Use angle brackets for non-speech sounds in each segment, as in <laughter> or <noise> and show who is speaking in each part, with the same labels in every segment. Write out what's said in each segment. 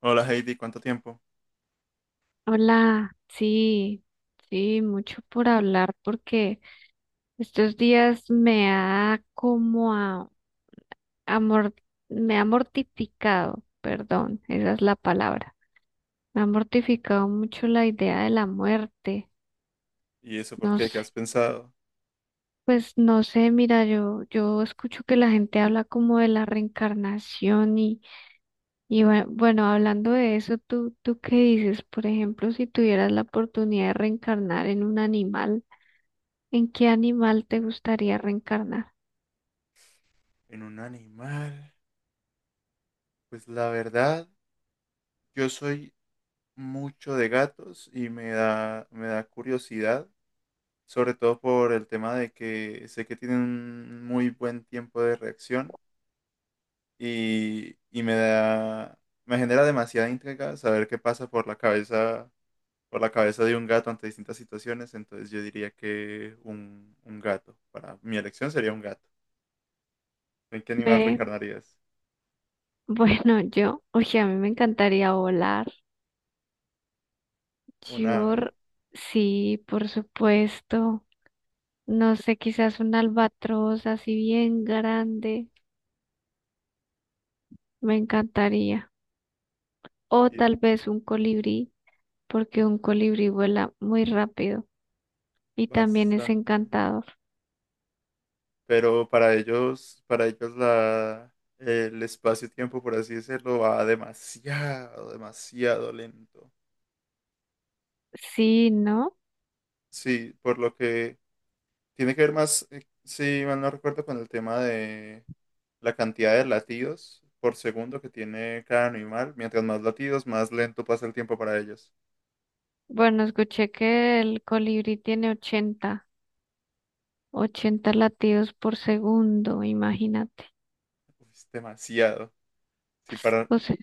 Speaker 1: Hola Heidi, ¿cuánto tiempo?
Speaker 2: Hola, sí, sí, mucho por hablar porque estos días me ha como a mor- me ha mortificado, perdón, esa es la palabra. Me ha mortificado mucho la idea de la muerte.
Speaker 1: ¿Y eso por
Speaker 2: No
Speaker 1: qué? ¿Qué
Speaker 2: sé,
Speaker 1: has pensado?
Speaker 2: pues no sé, mira, yo escucho que la gente habla como de la reencarnación y bueno, hablando de eso, ¿tú qué dices? Por ejemplo, si tuvieras la oportunidad de reencarnar en un animal. ¿En qué animal te gustaría reencarnar?
Speaker 1: ¿En un animal? Pues la verdad, yo soy mucho de gatos y me da curiosidad, sobre todo por el tema de que sé que tienen un muy buen tiempo de reacción y, y me da, me genera demasiada intriga saber qué pasa por la cabeza de un gato ante distintas situaciones. Entonces yo diría que un gato. Para mi elección sería un gato. ¿En qué animal
Speaker 2: Ve,
Speaker 1: reencarnarías?
Speaker 2: <laughs> bueno, yo, oye, a mí me encantaría volar.
Speaker 1: Un
Speaker 2: Yo,
Speaker 1: ave,
Speaker 2: r- sí, por supuesto. No sé, quizás un albatros así bien grande, me encantaría. O
Speaker 1: y
Speaker 2: tal vez un colibrí, porque un colibrí vuela muy rápido y también es
Speaker 1: bastante.
Speaker 2: encantador.
Speaker 1: Pero para ellos el espacio-tiempo, por así decirlo, va demasiado, demasiado lento.
Speaker 2: Sí, ¿no?
Speaker 1: Sí, por lo que tiene que ver más, si mal no recuerdo, con el tema de la cantidad de latidos por segundo que tiene cada animal. Mientras más latidos, más lento pasa el tiempo para ellos.
Speaker 2: Bueno, escuché que el colibrí tiene 80 latidos por segundo, imagínate.
Speaker 1: Es demasiado. Si para,
Speaker 2: O sea,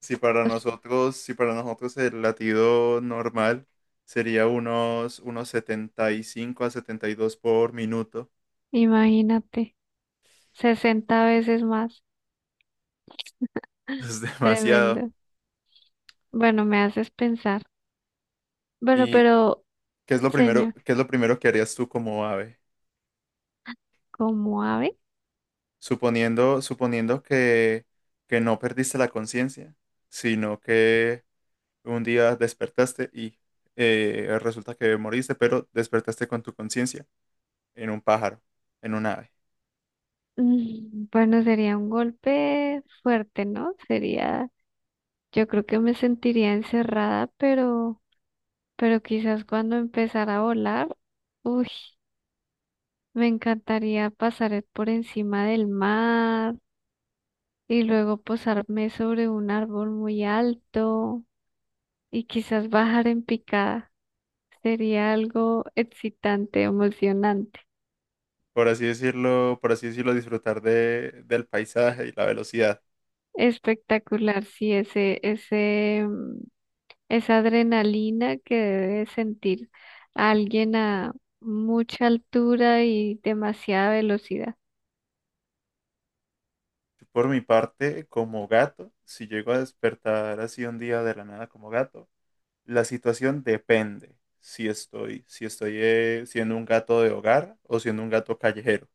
Speaker 1: Si para
Speaker 2: pues,
Speaker 1: nosotros, si para nosotros el latido normal sería unos 75 a 72 por minuto.
Speaker 2: imagínate, 60 veces más.
Speaker 1: <laughs> Es demasiado.
Speaker 2: Tremendo. Bueno, me haces pensar. Bueno,
Speaker 1: ¿Y
Speaker 2: pero,
Speaker 1: qué es lo primero,
Speaker 2: señor,
Speaker 1: qué es lo primero que harías tú como ave?
Speaker 2: como ave,
Speaker 1: Suponiendo que no perdiste la conciencia, sino que un día despertaste y resulta que moriste, pero despertaste con tu conciencia en un pájaro, en un ave.
Speaker 2: bueno, sería un golpe fuerte, ¿no? Sería, yo creo que me sentiría encerrada, pero quizás cuando empezara a volar, uy, me encantaría pasar es por encima del mar y luego posarme sobre un árbol muy alto y quizás bajar en picada. Sería algo excitante, emocionante,
Speaker 1: Por así decirlo disfrutar del paisaje y la velocidad.
Speaker 2: espectacular, sí, esa adrenalina que debe sentir alguien a mucha altura y demasiada velocidad.
Speaker 1: Por mi parte, como gato, si llego a despertar así un día de la nada como gato, la situación depende si estoy siendo un gato de hogar o siendo un gato callejero.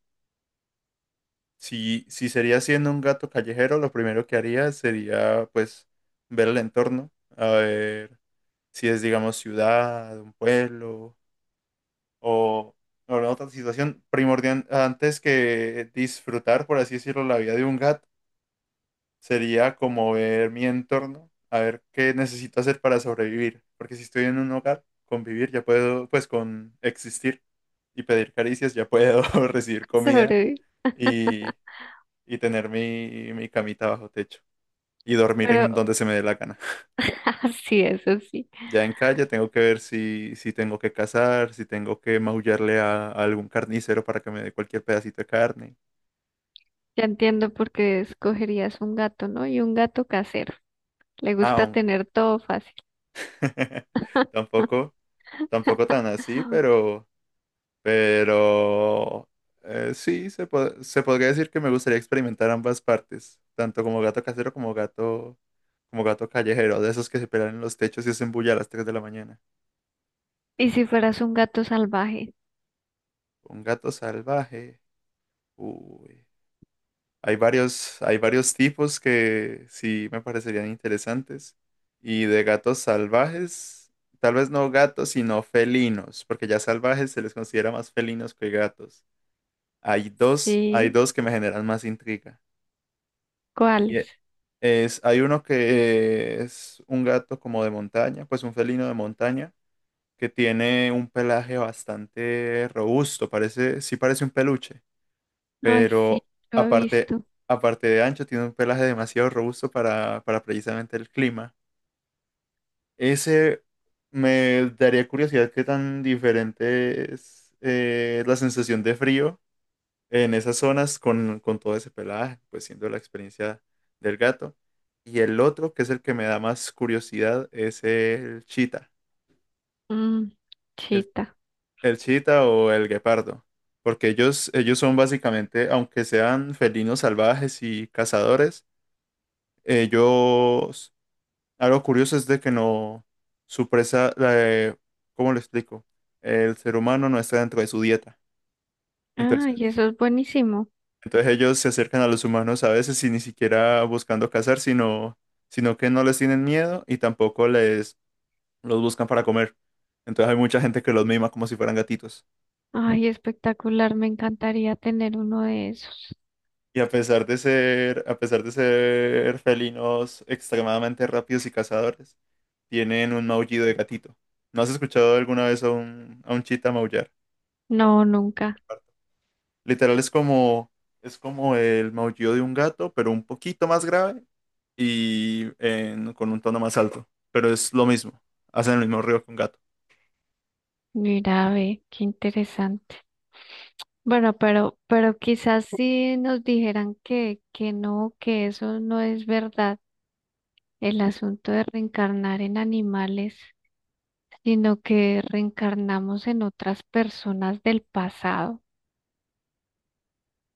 Speaker 1: Si sería siendo un gato callejero, lo primero que haría sería, pues, ver el entorno, a ver si es, digamos, ciudad, un pueblo, o, o en otra situación primordial antes que disfrutar, por así decirlo, la vida de un gato, sería como ver mi entorno, a ver qué necesito hacer para sobrevivir, porque si estoy en un hogar, convivir, ya puedo, pues, con existir y pedir caricias, ya puedo <laughs> recibir
Speaker 2: <laughs>
Speaker 1: comida
Speaker 2: Sobrevivir.
Speaker 1: y, y tener mi camita bajo techo. Y dormir en
Speaker 2: Pero
Speaker 1: donde se me dé la gana.
Speaker 2: <laughs> así eso sí.
Speaker 1: Ya en calle tengo que ver si tengo que cazar, si tengo que maullarle a algún carnicero para que me dé cualquier pedacito de carne.
Speaker 2: Ya entiendo por qué escogerías un gato, ¿no? Y un gato casero. Le gusta
Speaker 1: Aún.
Speaker 2: tener todo fácil.
Speaker 1: <laughs> Tampoco, tampoco tan así,
Speaker 2: <gasps>
Speaker 1: pero sí, se podría decir que me gustaría experimentar ambas partes, tanto como gato casero como gato callejero, de esos que se pelan en los techos y hacen bulla a las 3 de la mañana.
Speaker 2: ¿Y si fueras un gato salvaje?
Speaker 1: Un gato salvaje. Uy. Hay varios tipos que sí me parecerían interesantes. Y de gatos salvajes, tal vez no gatos, sino felinos, porque ya salvajes se les considera más felinos que gatos. Hay dos, hay
Speaker 2: Sí.
Speaker 1: dos que me generan más intriga. Y
Speaker 2: ¿Cuáles?
Speaker 1: e- Hay uno que es un gato como de montaña, pues un felino de montaña, que tiene un pelaje bastante robusto, parece, sí parece un peluche,
Speaker 2: Ay, sí,
Speaker 1: pero
Speaker 2: lo he
Speaker 1: aparte,
Speaker 2: visto.
Speaker 1: aparte de ancho, tiene un pelaje demasiado robusto para precisamente el clima. Ese me daría curiosidad qué tan diferente es la sensación de frío en esas zonas con todo ese pelaje, pues siendo la experiencia del gato. Y el otro, que es el que me da más curiosidad, es el chita,
Speaker 2: Mm,
Speaker 1: el,
Speaker 2: chita.
Speaker 1: el chita o el guepardo. Porque ellos son básicamente, aunque sean felinos salvajes y cazadores. Ellos, Algo curioso es de que no, su presa, eh, ¿cómo lo explico? El ser humano no está dentro de su dieta. Entonces,
Speaker 2: Ay, eso es buenísimo.
Speaker 1: entonces ellos se acercan a los humanos a veces y ni siquiera buscando cazar, sino que no les tienen miedo y tampoco les los buscan para comer. Entonces hay mucha gente que los mima como si fueran gatitos.
Speaker 2: Ay, espectacular. Me encantaría tener uno de esos.
Speaker 1: Y a pesar de ser felinos extremadamente rápidos y cazadores, tienen un maullido de gatito. ¿No has escuchado alguna vez a un chita maullar? O un
Speaker 2: No, nunca.
Speaker 1: lagarto. Literal es como el maullido de un gato, pero un poquito más grave y con un tono más alto. Pero es lo mismo, hacen el mismo ruido que un gato.
Speaker 2: Mira, ve, qué interesante. Bueno, pero quizás si nos dijeran que no, que eso no es verdad, el asunto de reencarnar en animales, sino que reencarnamos en otras personas del pasado.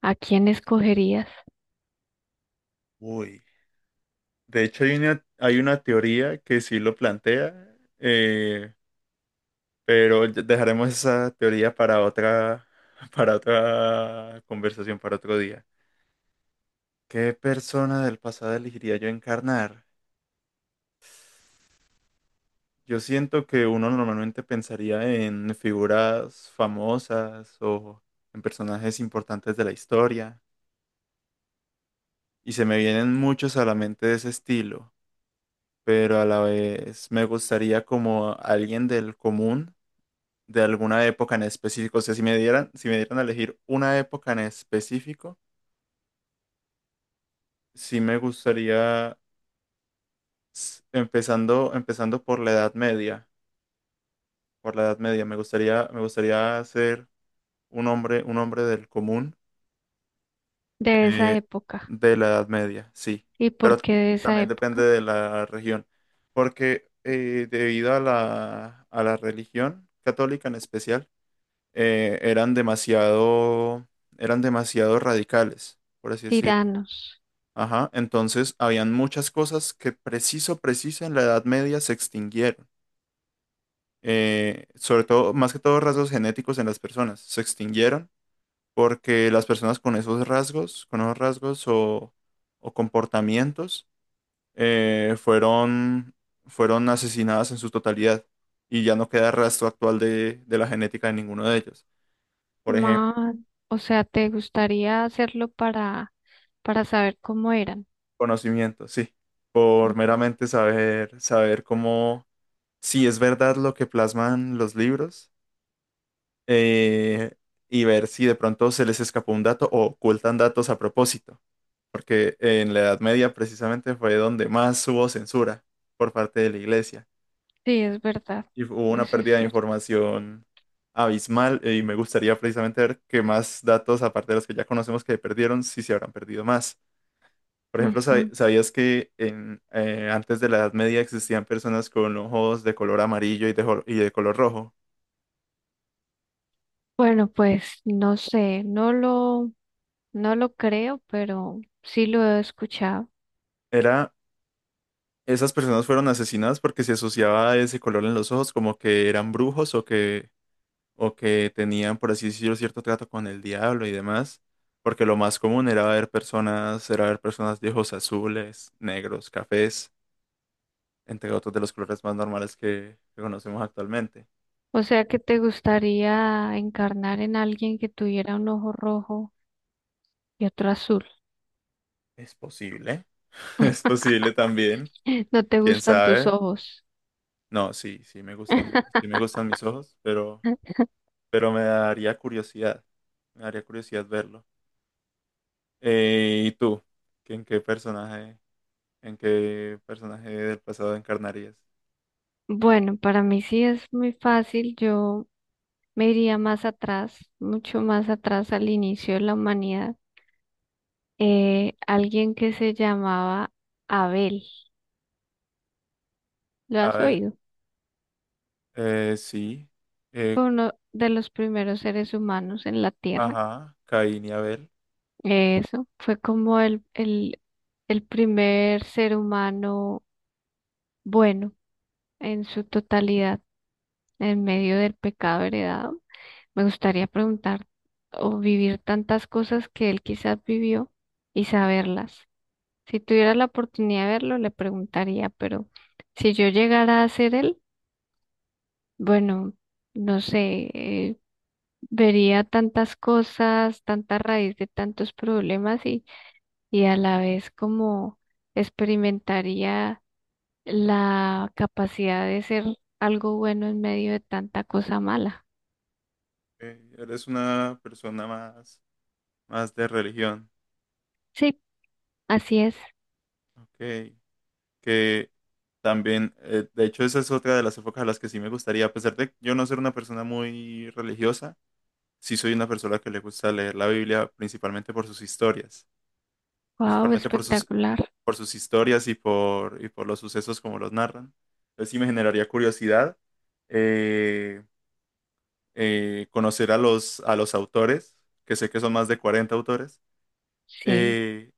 Speaker 2: ¿A quién escogerías
Speaker 1: Uy. De hecho, hay una teoría que sí lo plantea. Pero dejaremos esa teoría para otra, <laughs> para otra conversación, para otro día. ¿Qué persona del pasado elegiría yo encarnar? Yo siento que uno normalmente pensaría en figuras famosas o en personajes importantes de la historia, y se me vienen muchos a la mente de ese estilo, pero a la vez me gustaría como alguien del común de alguna época en específico. O sea, si me dieran a elegir una época en específico, sí me gustaría. Empezando por la Edad Media, me gustaría ser un hombre del común
Speaker 2: de esa
Speaker 1: eh,
Speaker 2: época?
Speaker 1: de la Edad Media, sí,
Speaker 2: ¿Y
Speaker 1: pero
Speaker 2: por qué de esa
Speaker 1: también depende
Speaker 2: época?
Speaker 1: de la región, porque debido a la religión católica en especial, eh, eran demasiado, eran demasiado radicales, por así decirlo.
Speaker 2: Tiranos.
Speaker 1: Ajá, entonces habían muchas cosas que preciso en la Edad Media se extinguieron. Sobre todo, más que todo rasgos genéticos en las personas. Se extinguieron porque las personas con esos rasgos o comportamientos, eh, fueron, fueron asesinadas en su totalidad, y ya no queda rastro actual de la genética de ninguno de ellos. Por ejemplo,
Speaker 2: Más, o sea, ¿te gustaría hacerlo para saber cómo eran?
Speaker 1: conocimiento, sí, por
Speaker 2: Ujú.
Speaker 1: meramente saber cómo, si es verdad lo que plasman los libros, eh, y ver si de pronto se les escapó un dato o ocultan datos a propósito, porque en la Edad Media precisamente fue donde más hubo censura por parte de la Iglesia
Speaker 2: Sí, es verdad.
Speaker 1: y hubo una
Speaker 2: Eso es
Speaker 1: pérdida de
Speaker 2: cierto.
Speaker 1: información abismal. Y me gustaría precisamente ver qué más datos, aparte de los que ya conocemos que perdieron, si se habrán perdido más. Por ejemplo,
Speaker 2: Ujú.
Speaker 1: ¿sabías que antes de la Edad Media existían personas con ojos de color amarillo y y de color rojo?
Speaker 2: Bueno, pues no sé, no lo creo, pero sí lo he escuchado.
Speaker 1: Era Esas personas fueron asesinadas porque se asociaba ese color en los ojos como que eran brujos, o que o que tenían, por así decirlo, cierto trato con el diablo y demás. Porque lo más común era ver personas de ojos azules, negros, cafés, entre otros de los colores más normales que conocemos actualmente.
Speaker 2: O sea, que te gustaría encarnar en alguien que tuviera un ojo rojo y otro azul.
Speaker 1: ¿Es posible? <laughs> Es
Speaker 2: <laughs>
Speaker 1: posible también.
Speaker 2: No te
Speaker 1: ¿Quién
Speaker 2: gustan tus
Speaker 1: sabe?
Speaker 2: ojos.
Speaker 1: No, sí, sí me gustan mis ojos, pero,
Speaker 2: <laughs>
Speaker 1: pero me daría curiosidad. Me daría curiosidad verlo. ¿Y tú? ¿En qué personaje, en qué personaje del pasado encarnarías?
Speaker 2: Bueno, para mí sí es muy fácil. Yo me iría más atrás, mucho más atrás al inicio de la humanidad. Alguien que se llamaba Abel, ¿lo has
Speaker 1: Abel,
Speaker 2: oído?
Speaker 1: sí, eh,
Speaker 2: Fue uno de los primeros seres humanos en la Tierra.
Speaker 1: ajá, Caín y Abel.
Speaker 2: Eso, fue como el primer ser humano bueno en su totalidad, en medio del pecado heredado. Me gustaría preguntar o vivir tantas cosas que él quizás vivió y saberlas. Si tuviera la oportunidad de verlo, le preguntaría, pero si yo llegara a ser él, bueno, no sé, vería tantas cosas, tanta raíz de tantos problemas y a la vez como experimentaría la capacidad de ser algo bueno en medio de tanta cosa mala.
Speaker 1: Eres una persona más de religión,
Speaker 2: Sí, así es.
Speaker 1: ok. Que también, de hecho, esa es otra de las épocas a las que sí me gustaría. A pesar de yo no ser una persona muy religiosa, sí soy una persona que le gusta leer la Biblia principalmente por sus historias,
Speaker 2: Wow,
Speaker 1: principalmente por sus
Speaker 2: espectacular.
Speaker 1: y por los sucesos como los narran. Entonces sí me generaría curiosidad, eh, conocer a los autores, que sé que son más de 40 autores.
Speaker 2: Sí.
Speaker 1: Eh,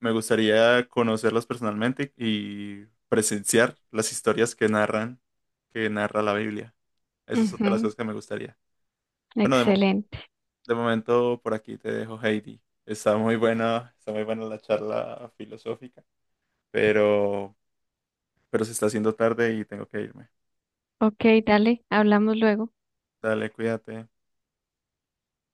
Speaker 1: Me gustaría conocerlos personalmente y presenciar las historias que narran, que narra la Biblia. Esa es otra de las
Speaker 2: Ujú,
Speaker 1: cosas que me gustaría. Bueno,
Speaker 2: excelente.
Speaker 1: de momento por aquí te dejo, Heidi. Está muy buena la charla filosófica, pero se está haciendo tarde y tengo que irme.
Speaker 2: Ok, dale, hablamos luego.
Speaker 1: Dale, cuídate.